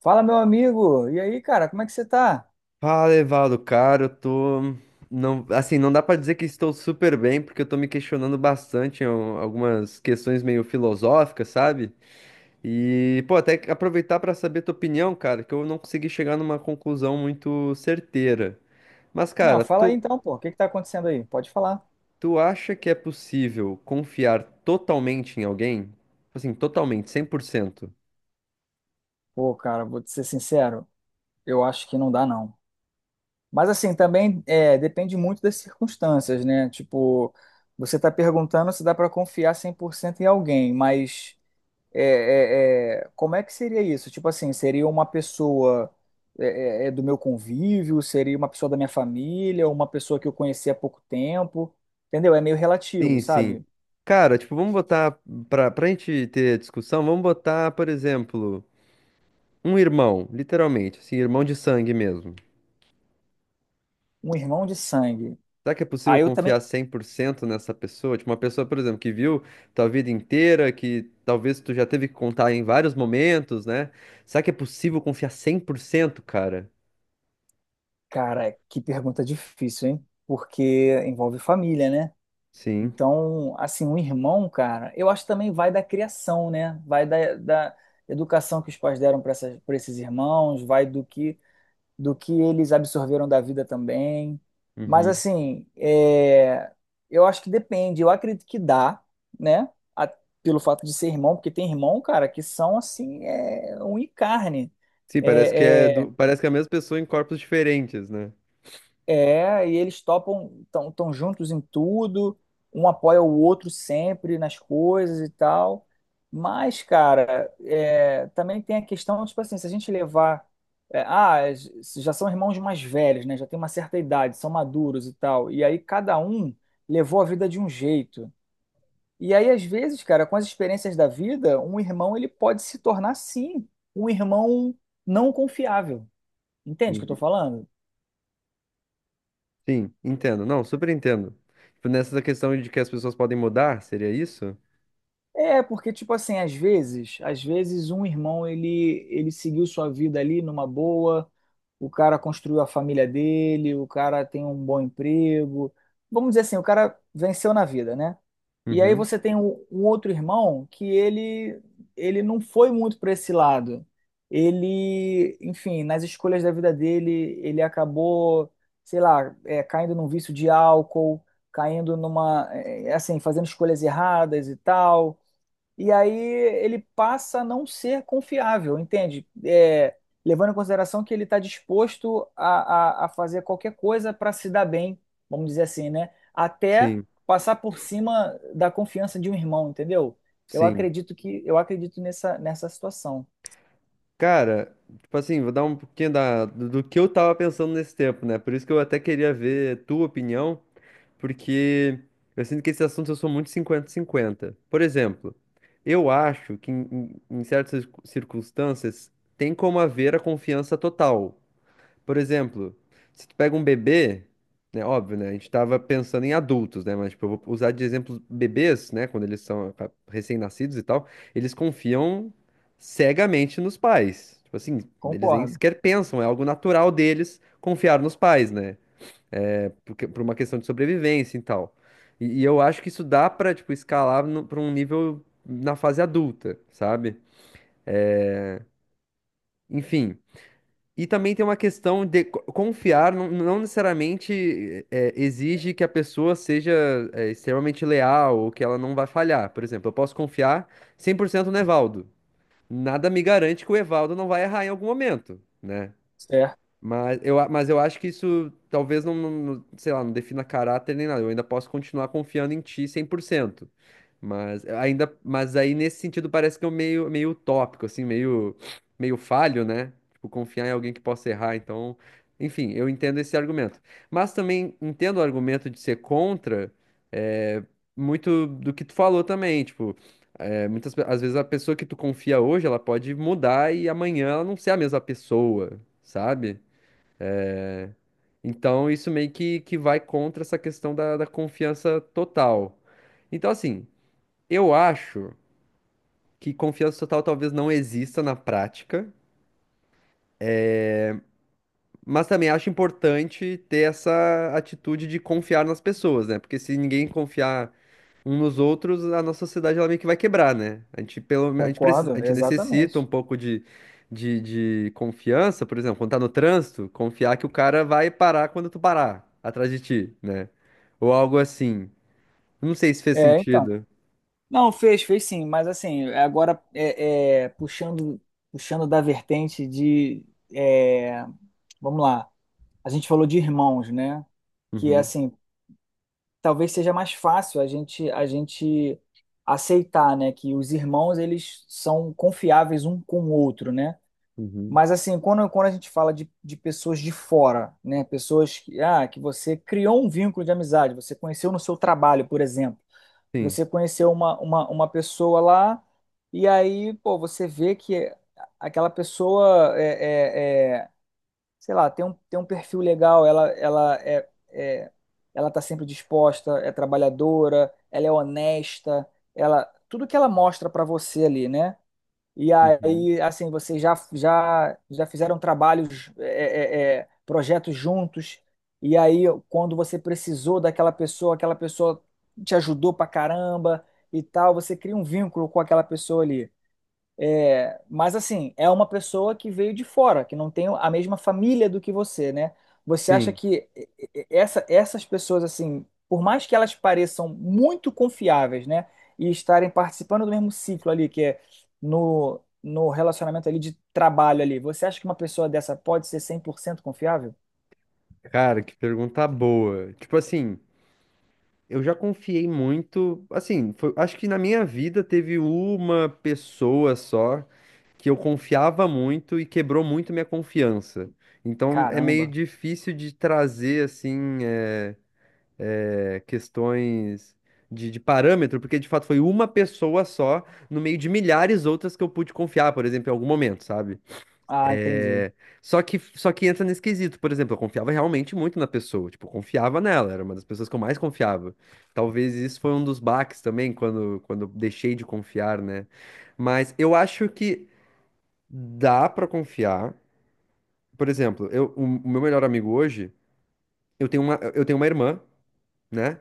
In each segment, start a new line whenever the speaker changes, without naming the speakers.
Fala, meu amigo. E aí, cara, como é que você tá?
Fala, Evaldo, cara, eu tô. Não, assim, não dá pra dizer que estou super bem, porque eu tô me questionando bastante em algumas questões meio filosóficas, sabe? E, pô, até que aproveitar pra saber tua opinião, cara, que eu não consegui chegar numa conclusão muito certeira. Mas,
Não,
cara,
fala aí
tu,
então, pô. O que que tá acontecendo aí? Pode falar.
tu acha que é possível confiar totalmente em alguém? Assim, totalmente, 100%?
Pô, cara, vou te ser sincero, eu acho que não dá, não. Mas assim, também depende muito das circunstâncias, né? Tipo, você tá perguntando se dá pra confiar 100% em alguém, mas é, como é que seria isso? Tipo assim, seria uma pessoa do meu convívio? Seria uma pessoa da minha família? Uma pessoa que eu conheci há pouco tempo? Entendeu? É meio relativo,
Sim, sim.
sabe?
Cara, tipo, vamos botar, pra gente ter discussão, vamos botar, por exemplo. Um irmão, literalmente, assim, irmão de sangue mesmo.
Um irmão de sangue.
Será que é possível
Aí eu também.
confiar 100% nessa pessoa? Tipo, uma pessoa, por exemplo, que viu tua vida inteira, que talvez tu já teve que contar em vários momentos, né? Será que é possível confiar cem por cento, cara?
Cara, que pergunta difícil, hein? Porque envolve família, né?
Sim.
Então, assim, um irmão, cara, eu acho que também vai da criação, né? Vai da educação que os pais deram para para esses irmãos, vai do que eles absorveram da vida também. Mas,
Uhum.
assim, eu acho que depende. Eu acredito que dá, né? A- Pelo fato de ser irmão, porque tem irmão, cara, que são, assim, um e carne.
Sim, parece
É, é,
parece que é a mesma pessoa em corpos diferentes, né?
E eles topam, estão tão juntos em tudo, um apoia o outro sempre nas coisas e tal. Mas, cara, é, também tem a questão, tipo assim, se a gente levar. é, ah, s- Já são irmãos mais velhos, né? Já tem uma certa idade, são maduros e tal. E aí cada um levou a vida de um jeito. E aí, às vezes, cara, com as experiências da vida, um irmão ele pode se tornar, sim, um irmão não confiável. Entende o que eu tô
Uhum.
falando?
Sim, entendo. Não, super entendo. Tipo, nessa questão de que as pessoas podem mudar, seria isso?
É, porque, tipo assim, às vezes um irmão, ele seguiu sua vida ali numa boa, o cara construiu a família dele, o cara tem um bom emprego, vamos dizer assim, o cara venceu na vida, né? E aí
Uhum.
você tem um outro irmão que ele não foi muito para esse lado. Ele, enfim, nas escolhas da vida dele, ele acabou, sei lá, é, caindo num vício de álcool, caindo numa, assim, fazendo escolhas erradas e tal e aí ele passa a não ser confiável, entende? É, levando em consideração que ele está disposto a fazer qualquer coisa para se dar bem, vamos dizer assim, né? Até
Sim,
passar por cima da confiança de um irmão, entendeu? Eu
sim.
acredito que eu acredito nessa, nessa situação.
Cara, tipo assim, vou dar um pouquinho da, do que eu tava pensando nesse tempo, né? Por isso que eu até queria ver tua opinião, porque eu sinto que esse assunto eu sou muito 50-50. Por exemplo, eu acho que em certas circunstâncias tem como haver a confiança total. Por exemplo, se tu pega um bebê, né, óbvio, né, a gente tava pensando em adultos, né, mas tipo, eu vou usar de exemplo bebês, né, quando eles são recém-nascidos e tal, eles confiam cegamente nos pais. Tipo assim, eles nem
Concordo.
sequer pensam, é algo natural deles confiar nos pais, né, porque, por uma questão de sobrevivência e tal. E eu acho que isso dá pra, tipo, escalar no, pra um nível na fase adulta, sabe? Enfim, e também tem uma questão de confiar, não necessariamente exige que a pessoa seja extremamente leal ou que ela não vai falhar. Por exemplo, eu posso confiar 100% no Evaldo. Nada me garante que o Evaldo não vai errar em algum momento, né?
Certo,
Mas eu acho que isso talvez sei lá, não defina caráter nem nada. Eu ainda posso continuar confiando em ti 100%. Mas aí nesse sentido parece que é um meio utópico, assim, meio falho, né? Tipo, confiar em alguém que possa errar. Então, enfim, eu entendo esse argumento. Mas também entendo o argumento de ser contra, é, muito do que tu falou também, tipo, às vezes a pessoa que tu confia hoje, ela pode mudar e amanhã ela não ser a mesma pessoa, sabe? Então, isso meio que vai contra essa questão da confiança total. Então, assim, eu acho que confiança total talvez não exista na prática, mas também acho importante ter essa atitude de confiar nas pessoas, né? Porque se ninguém confiar uns nos outros, a nossa sociedade ela meio que vai quebrar, né? A gente, pelo, me- a gente, precisa, a
concordo,
gente necessita um
exatamente.
pouco de, de, de confiança, por exemplo, quando tá no trânsito, confiar que o cara vai parar quando tu parar atrás de ti, né? Ou algo assim. Não sei se fez
É, então.
sentido.
Não, fez, fez sim, mas assim, agora é, é, puxando, puxando da vertente de, é, vamos lá. A gente falou de irmãos, né? Que é
Uhum,
assim, talvez seja mais fácil a gente aceitar, né, que os irmãos eles são confiáveis um com o outro, né?
uhum,
Mas assim, quando a gente fala de pessoas de fora, né, pessoas que, ah, que você criou um vínculo de amizade, você conheceu no seu trabalho, por exemplo,
sim,
você conheceu uma pessoa lá e aí, pô, você vê que aquela pessoa sei lá, tem um perfil legal, ela tá sempre disposta, é trabalhadora, ela é honesta, ela, tudo que ela mostra para você ali, né? E
uhum,
aí, assim, vocês já fizeram trabalhos, projetos juntos, e aí, quando você precisou daquela pessoa, aquela pessoa te ajudou pra caramba e tal, você cria um vínculo com aquela pessoa ali. Mas assim, é uma pessoa que veio de fora, que não tem a mesma família do que você, né? Você acha
sim.
que e- essa- Essas pessoas, assim, por mais que elas pareçam muito confiáveis, né? E estarem participando do mesmo ciclo ali, que é no relacionamento ali de trabalho ali, você acha que uma pessoa dessa pode ser cem por cento confiável?
Cara, que pergunta boa. Tipo assim, eu já confiei muito. Assim, acho que na minha vida teve uma pessoa só que eu confiava muito e quebrou muito minha confiança. Então é meio
Caramba.
difícil de trazer, assim, questões de, parâmetro, porque de fato foi uma pessoa só no meio de milhares outras que eu pude confiar, por exemplo, em algum momento, sabe?
Ah, entendi.
Só que entra nesse quesito. Por exemplo, eu confiava realmente muito na pessoa. Tipo, eu confiava nela. Era uma das pessoas que eu mais confiava. Talvez isso foi um dos baques também, quando eu deixei de confiar, né? Mas eu acho que dá pra confiar. Por exemplo, o meu melhor amigo hoje, eu tenho uma irmã, né?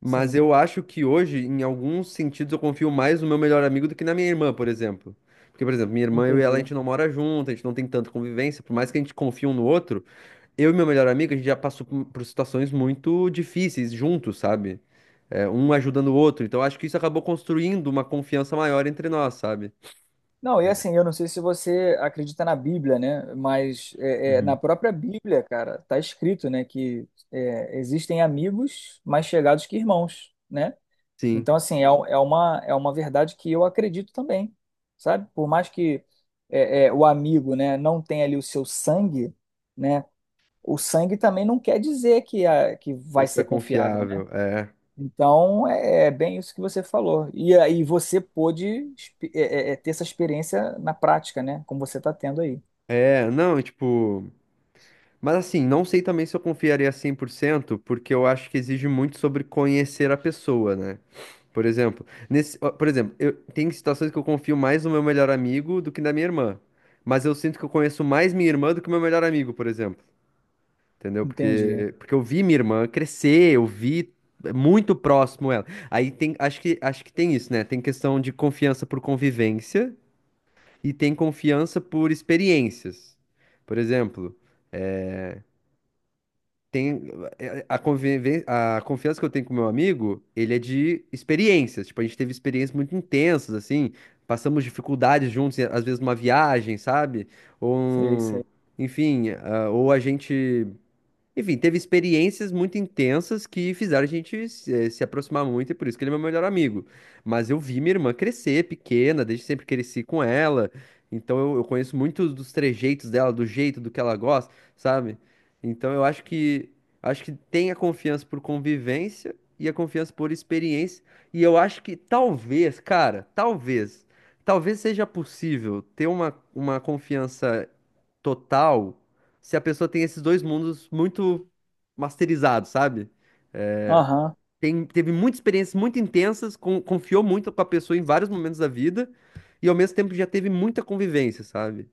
Mas
Sim,
eu acho que hoje, em alguns sentidos, eu confio mais no meu melhor amigo do que na minha irmã, por exemplo. Porque, por exemplo, minha irmã, eu e ela, a
entendi.
gente não mora junto, a gente não tem tanta convivência. Por mais que a gente confie um no outro. Eu e meu melhor amigo, a gente já passou por situações muito difíceis juntos, sabe? É, um ajudando o outro. Então, acho que isso acabou construindo uma confiança maior entre nós, sabe?
Não, e assim, eu não sei se você acredita na Bíblia, né? Mas na
Uhum.
própria Bíblia, cara, tá escrito, né, que é, existem amigos mais chegados que irmãos, né?
Sim,
Então, assim, é uma verdade que eu acredito também, sabe? Por mais que o amigo, né, não tenha ali o seu sangue, né? O sangue também não quer dizer que, a, que vai
pessoa
ser confiável, né?
confiável, é.
Então, é, é bem isso que você falou. E aí você pôde ter essa experiência na prática, né? Como você está tendo aí.
É, não, tipo. Mas assim, não sei também se eu confiaria 100%, porque eu acho que exige muito sobre conhecer a pessoa, né? Por exemplo, nesse, ó, por exemplo, eu tem situações que eu confio mais no meu melhor amigo do que na minha irmã, mas eu sinto que eu conheço mais minha irmã do que meu melhor amigo, por exemplo. Entendeu?
Entendi.
Porque eu vi minha irmã crescer, eu vi muito próximo ela. Aí tem, acho que tem isso, né? Tem questão de confiança por convivência e tem confiança por experiências. Por exemplo, tem a confiança que eu tenho com meu amigo, ele é de experiências. Tipo, a gente teve experiências muito intensas, assim, passamos dificuldades juntos, às vezes numa viagem, sabe? Ou,
Sei,
um-
sei.
enfim, ah, ou a gente Enfim, teve experiências muito intensas que fizeram a gente se aproximar muito, e por isso que ele é meu melhor amigo. Mas eu vi minha irmã crescer, pequena, desde sempre cresci com ela. Então eu conheço muitos dos trejeitos dela, do jeito do que ela gosta, sabe? Então eu acho que tem a confiança por convivência e a confiança por experiência. E eu acho que talvez, cara, talvez seja possível ter uma confiança total se a pessoa tem esses dois mundos muito masterizados, sabe?
Aham.
Teve muitas experiências muito intensas, confiou muito com a pessoa em vários momentos da vida, e ao mesmo tempo já teve muita convivência, sabe?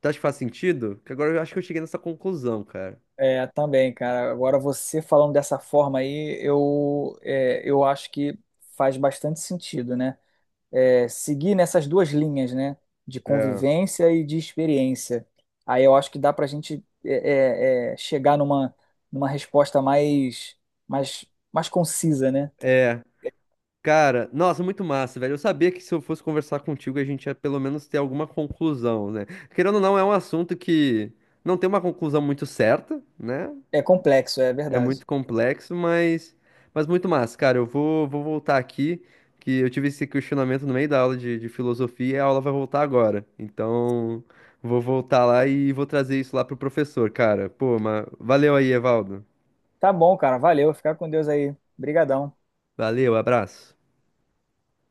Tu acha que faz sentido? Que agora eu acho que eu cheguei nessa conclusão, cara.
É, também, cara. Agora você falando dessa forma aí, eu, é, eu acho que faz bastante sentido, né? É, seguir nessas duas linhas, né? De
É.
convivência e de experiência. Aí eu acho que dá pra gente chegar numa, numa resposta mais, mais, mais concisa, né?
É. Cara, nossa, muito massa, velho. Eu sabia que se eu fosse conversar contigo, a gente ia pelo menos ter alguma conclusão, né? Querendo ou não, é um assunto que não tem uma conclusão muito certa, né?
É complexo, é
É
verdade.
muito complexo, mas muito massa. Cara, eu vou voltar aqui, que eu tive esse questionamento no meio da aula de, filosofia e a aula vai voltar agora. Então, vou voltar lá e vou trazer isso lá pro professor, cara. Pô, mas valeu aí, Evaldo.
Tá bom, cara. Valeu. Fica com Deus aí. Brigadão.
Valeu, abraço.